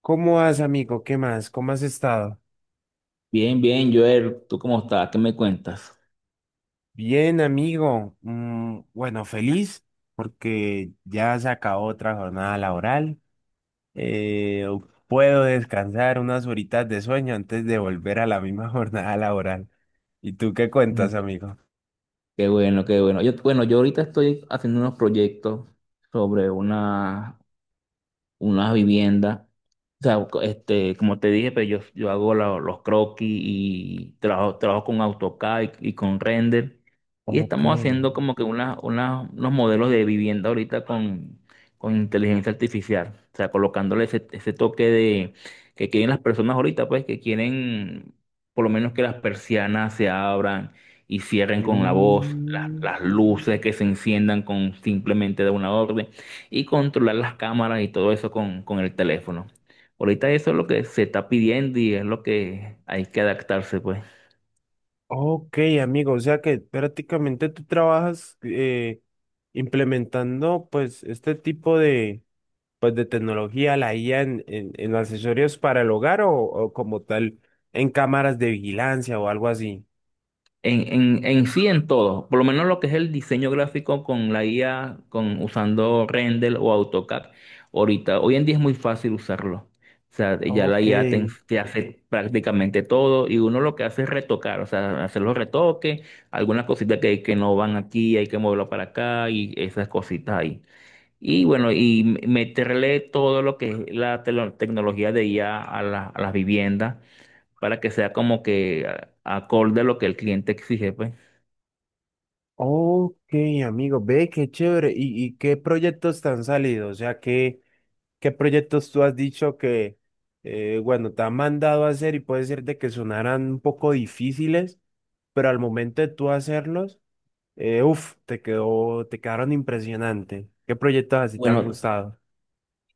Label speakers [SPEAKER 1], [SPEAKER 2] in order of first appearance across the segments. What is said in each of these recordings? [SPEAKER 1] ¿Cómo vas, amigo? ¿Qué más? ¿Cómo has estado?
[SPEAKER 2] Bien, bien, Joel, ¿tú cómo estás? ¿Qué me cuentas?
[SPEAKER 1] Bien, amigo. Mm, bueno, feliz porque ya se acabó otra jornada laboral. Eh, Puedo descansar unas horitas de sueño antes de volver a la misma jornada laboral. ¿Y tú qué
[SPEAKER 2] Mm,
[SPEAKER 1] cuentas, amigo?
[SPEAKER 2] Qué bueno, qué bueno. Yo ahorita estoy haciendo unos proyectos sobre unas viviendas. O sea, como te dije, pues yo hago los croquis y trabajo con AutoCAD y con render. Y
[SPEAKER 1] Ok.
[SPEAKER 2] estamos haciendo como que unos modelos de vivienda ahorita con inteligencia artificial. O sea, colocándole ese toque de que quieren las personas ahorita, pues que quieren por lo menos que las persianas se abran y cierren con la voz,
[SPEAKER 1] Mm,
[SPEAKER 2] las luces que se enciendan con simplemente de una orden y controlar las cámaras y todo eso con el teléfono. Ahorita eso es lo que se está pidiendo y es lo que hay que adaptarse, pues.
[SPEAKER 1] ok, amigo. O sea que prácticamente tú trabajas implementando pues este tipo de pues de tecnología, la IA en accesorios para el hogar o como tal en cámaras de vigilancia o algo así.
[SPEAKER 2] En sí, en todo, por lo menos lo que es el diseño gráfico con la IA, con, usando Render o AutoCAD, ahorita, hoy en día es muy fácil usarlo. O sea, ya la
[SPEAKER 1] Ok,
[SPEAKER 2] IA te hace prácticamente todo y uno lo que hace es retocar, o sea, hacer los retoques, algunas cositas que no van aquí, hay que moverlo para acá y esas cositas ahí. Y bueno, y meterle todo lo que es la tecnología de IA a las viviendas para que sea como que acorde a lo que el cliente exige, pues.
[SPEAKER 1] ok, amigo, ve qué chévere. Y qué proyectos te han salido? O sea, ¿qué proyectos tú has dicho que, bueno, te han mandado a hacer y puede ser de que sonaran un poco difíciles, pero al momento de tú hacerlos, te quedaron impresionante. ¿Qué proyectos así te han
[SPEAKER 2] Bueno,
[SPEAKER 1] gustado?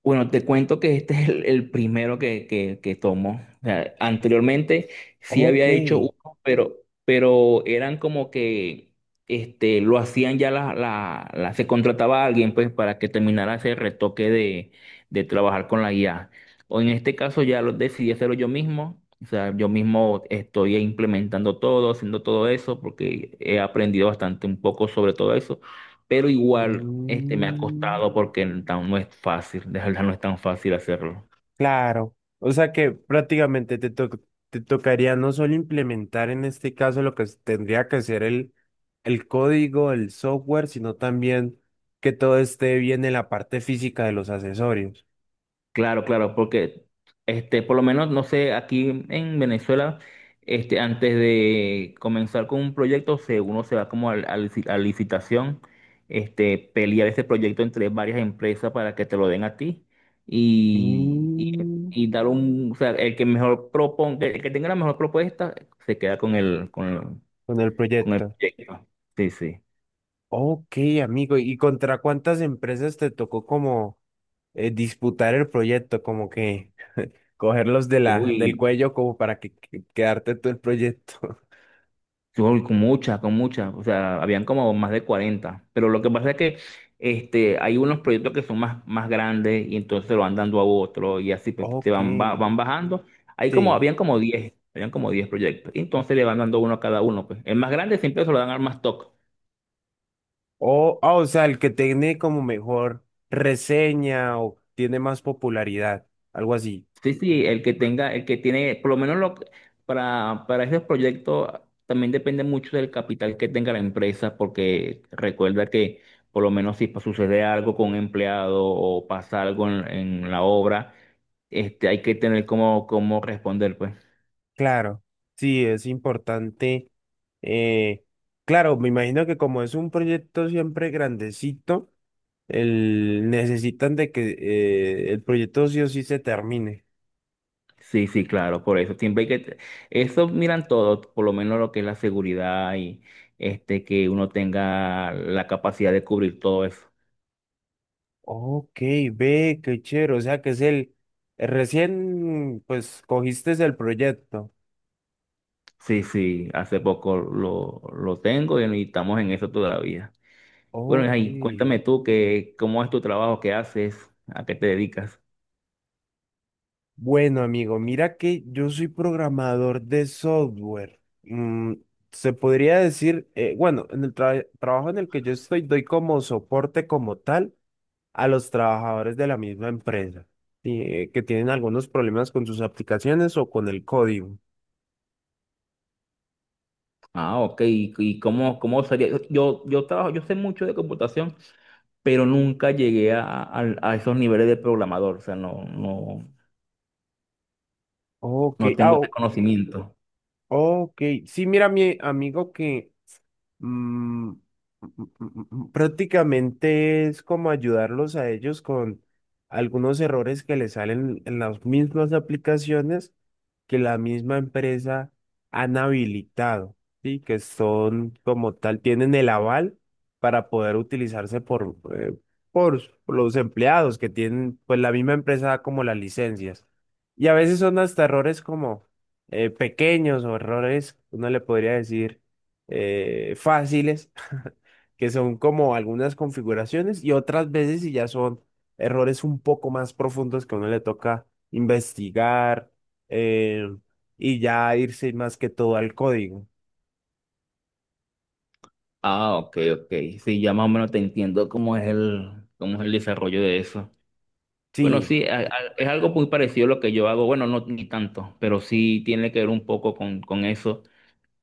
[SPEAKER 2] Bueno, te cuento que este es el primero que tomo. O sea, anteriormente sí
[SPEAKER 1] Ok.
[SPEAKER 2] había hecho uno, pero eran como que este, lo hacían ya se contrataba a alguien pues para que terminara ese retoque de trabajar con la IA. O en este caso ya lo decidí hacerlo yo mismo. O sea, yo mismo estoy implementando todo, haciendo todo eso, porque he aprendido bastante un poco sobre todo eso, pero igual este me ha
[SPEAKER 1] Mm,
[SPEAKER 2] costado porque no es fácil, de verdad no es tan fácil hacerlo.
[SPEAKER 1] claro, o sea que prácticamente te tocaría no solo implementar en este caso lo que tendría que ser el código, el software, sino también que todo esté bien en la parte física de los accesorios.
[SPEAKER 2] Claro, claro, porque este, por lo menos, no sé, aquí en Venezuela, este, antes de comenzar con un proyecto, se, uno se va como a licitación, este, pelear ese proyecto entre varias empresas para que te lo den a ti y, y,
[SPEAKER 1] Mm,
[SPEAKER 2] y dar un, o sea, el que mejor proponga, el que tenga la mejor propuesta, se queda
[SPEAKER 1] con el
[SPEAKER 2] con el
[SPEAKER 1] proyecto.
[SPEAKER 2] proyecto. Sí, sí.
[SPEAKER 1] Ok, amigo, ¿y contra cuántas empresas te tocó como disputar el proyecto, como que cogerlos de la, del
[SPEAKER 2] Uy.
[SPEAKER 1] cuello como para que, quedarte tú el proyecto?
[SPEAKER 2] Yo, con muchas, o sea, habían como más de 40, pero lo que pasa es que este, hay unos proyectos que son más grandes y entonces se lo van dando a otro y así pues, se
[SPEAKER 1] Ok.
[SPEAKER 2] van, van bajando. Hay como,
[SPEAKER 1] Sí.
[SPEAKER 2] habían como 10 habían como 10 proyectos, y entonces le van dando uno a cada uno, pues. El más grande siempre se lo dan al más top.
[SPEAKER 1] O, ah, o sea, el que tiene como mejor reseña o tiene más popularidad, algo así.
[SPEAKER 2] Sí, sí, el que tenga, el que tiene, por lo menos lo, para esos proyectos también depende mucho del capital que tenga la empresa, porque recuerda que por lo menos si sucede algo con un empleado o pasa algo en la obra, este, hay que tener cómo responder, pues.
[SPEAKER 1] Claro, sí, es importante. eh, claro, me imagino que como es un proyecto siempre grandecito, el, necesitan de que el proyecto sí o sí se termine.
[SPEAKER 2] Sí, sí, claro, por eso siempre hay eso miran todos, por lo menos lo que es la seguridad y este, que uno tenga la capacidad de cubrir todo eso.
[SPEAKER 1] Ok, ve, qué chévere. O sea, que es el, recién, pues, cogiste el proyecto.
[SPEAKER 2] Sí, sí, hace poco lo tengo y estamos en eso todavía. Bueno,
[SPEAKER 1] Ok.
[SPEAKER 2] ahí, cuéntame tú que, cómo es tu trabajo, qué haces, a qué te dedicas.
[SPEAKER 1] Bueno, amigo, mira que yo soy programador de software. Mm, se podría decir, bueno, en el trabajo en el que yo estoy, doy como soporte como tal a los trabajadores de la misma empresa, sí, que tienen algunos problemas con sus aplicaciones o con el código.
[SPEAKER 2] Ah, ok, y cómo, cómo sería. Yo trabajo, yo sé mucho de computación, pero nunca llegué a esos niveles de programador, o sea,
[SPEAKER 1] Ok,
[SPEAKER 2] no tengo
[SPEAKER 1] ah,
[SPEAKER 2] ese conocimiento.
[SPEAKER 1] Ok, sí, mira, mi amigo que mm, prácticamente es como ayudarlos a ellos con algunos errores que les salen en las mismas aplicaciones que la misma empresa han habilitado, ¿sí? Que son como tal, tienen el aval para poder utilizarse por, por los empleados que tienen, pues la misma empresa da como las licencias. Y a veces son hasta errores como pequeños o errores, uno le podría decir fáciles, que son como algunas configuraciones y otras veces si ya son errores un poco más profundos que a uno le toca investigar eh, y ya irse más que todo al código.
[SPEAKER 2] Ah, ok, ok. Sí, ya más o menos te entiendo cómo es cómo es el desarrollo de eso. Bueno,
[SPEAKER 1] Sí,
[SPEAKER 2] sí, es algo muy parecido a lo que yo hago. Bueno, no ni tanto, pero sí tiene que ver un poco con eso.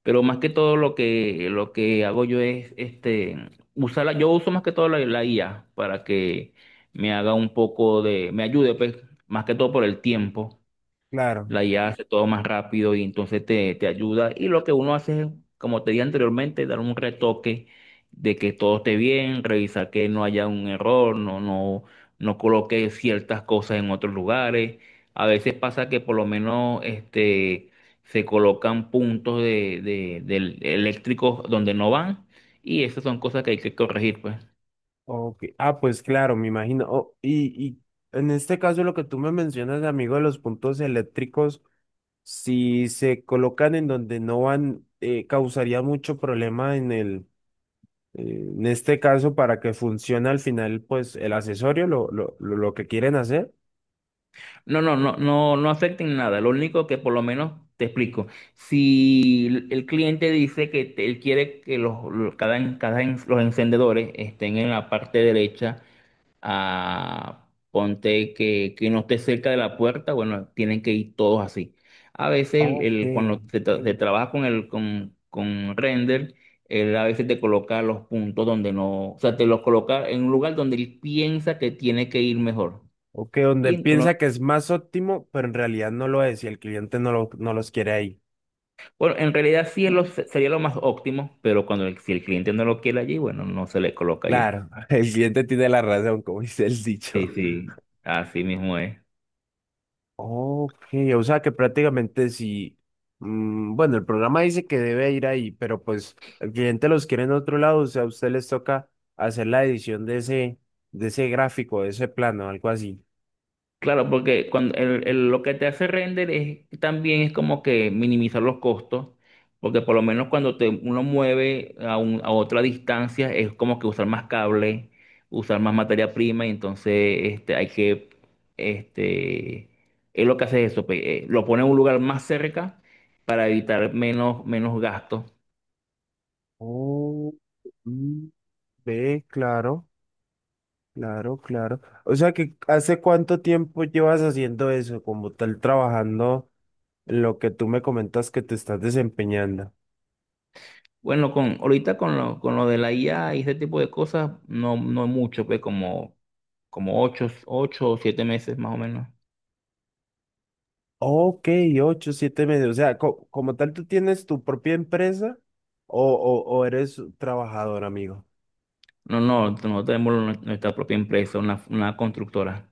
[SPEAKER 2] Pero más que todo lo lo que hago yo es este, usarla. Yo uso más que todo la IA para que me haga un poco de, me ayude, pues, más que todo por el tiempo.
[SPEAKER 1] claro.
[SPEAKER 2] La IA hace todo más rápido y entonces te ayuda. Y lo que uno hace es, como te dije anteriormente, dar un retoque de que todo esté bien, revisar que no haya un error, no coloque ciertas cosas en otros lugares. A veces pasa que por lo menos este, se colocan puntos eléctricos donde no van y esas son cosas que hay que corregir, pues.
[SPEAKER 1] Ok. Ah, pues claro, me imagino. Oh, y en este caso lo que tú me mencionas, amigo, de los puntos eléctricos. Si se colocan en donde no van, causaría mucho problema en el, en este caso para que funcione al final, pues el accesorio, lo lo que quieren hacer.
[SPEAKER 2] No afecten nada. Lo único que por lo menos te explico. Si el cliente dice él quiere que los encendedores estén en la parte derecha, ah, ponte que no esté cerca de la puerta, bueno, tienen que ir todos así. A veces
[SPEAKER 1] Ok.
[SPEAKER 2] cuando se trabaja con el con render, él a veces te coloca los puntos donde no, o sea, te los coloca en un lugar donde él piensa que tiene que ir mejor.
[SPEAKER 1] Ok, donde
[SPEAKER 2] y en-
[SPEAKER 1] piensa que es más óptimo, pero en realidad no lo es y el cliente no, lo, no los quiere ahí.
[SPEAKER 2] Bueno, en realidad sí es sería lo más óptimo, pero cuando el, si el cliente no lo quiere allí, bueno, no se le coloca allí.
[SPEAKER 1] Claro, el cliente tiene la razón, como dice el
[SPEAKER 2] Sí,
[SPEAKER 1] dicho.
[SPEAKER 2] sí, así mismo es.
[SPEAKER 1] Ok, o sea que prácticamente si, mm, bueno, el programa dice que debe ir ahí, pero pues el cliente los quiere en otro lado, o sea, a usted les toca hacer la edición de ese gráfico, de ese plano, algo así.
[SPEAKER 2] Claro, porque cuando lo que te hace render es también es como que minimizar los costos, porque por lo menos cuando te, uno mueve a otra distancia es como que usar más cable, usar más materia prima, y entonces este, hay que, este, es lo que hace eso, pues, lo pone en un lugar más cerca para evitar menos, menos gastos.
[SPEAKER 1] Oh, mm, ve, claro, claro, claro. O sea que ¿hace cuánto tiempo llevas haciendo eso, como tal, trabajando en lo que tú me comentas que te estás desempeñando?
[SPEAKER 2] Bueno, con, ahorita con lo de la IA y ese tipo de cosas, no, no mucho, pues como, como 8, 8 o 7 meses más o menos.
[SPEAKER 1] Ok, ocho, siete meses. O sea, como tal, ¿tú tienes tu propia empresa o eres trabajador, amigo?
[SPEAKER 2] No, no, nuestra propia empresa, una constructora.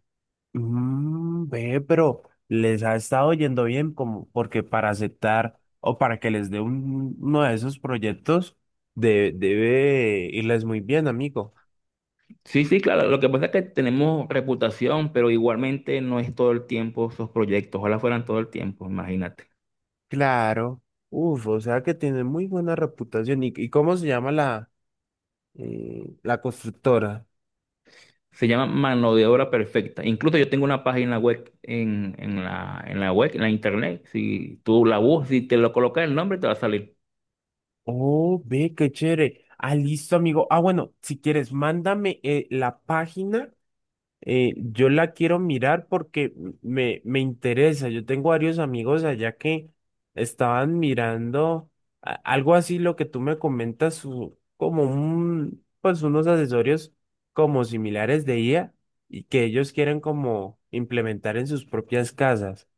[SPEAKER 1] Mm, ve, pero les ha estado yendo bien como porque para aceptar o para que les dé uno de esos proyectos debe irles muy bien, amigo.
[SPEAKER 2] Sí, sí, claro, lo que pasa es que tenemos reputación, pero igualmente no es todo el tiempo esos proyectos, ojalá fueran todo el tiempo, imagínate.
[SPEAKER 1] Claro. Uf, o sea que tiene muy buena reputación. Y cómo se llama la, la constructora?
[SPEAKER 2] Se llama mano de obra perfecta. Incluso yo tengo una página web en en la web, en la internet. Si tú la buscas, si te lo colocas el nombre, te va a salir.
[SPEAKER 1] Oh, ve, qué chévere. Ah, listo, amigo. Ah, bueno, si quieres, mándame la página. Yo la quiero mirar porque me interesa. Yo tengo varios amigos allá que estaban mirando algo así, lo que tú me comentas, como un, pues unos accesorios como similares de IA y que ellos quieren como implementar en sus propias casas.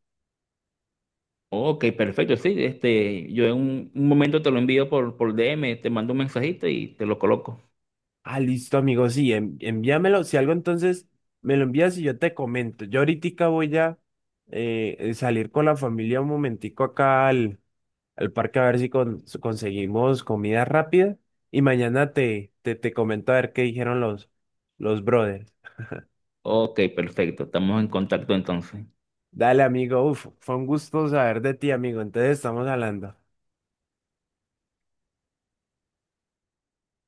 [SPEAKER 2] Ok, perfecto. Sí, este, yo en un momento te lo envío por DM. Te mando un mensajito y te lo coloco.
[SPEAKER 1] Ah, listo, amigo. Sí, envíamelo. Si algo, entonces me lo envías y yo te comento. Yo ahorita voy a salir con la familia un momentico acá al, al parque a ver si si conseguimos comida rápida. Y mañana te comento a ver qué dijeron los brothers.
[SPEAKER 2] Ok, perfecto. Estamos en contacto entonces.
[SPEAKER 1] Dale, amigo. Uf, fue un gusto saber de ti, amigo. Entonces estamos hablando.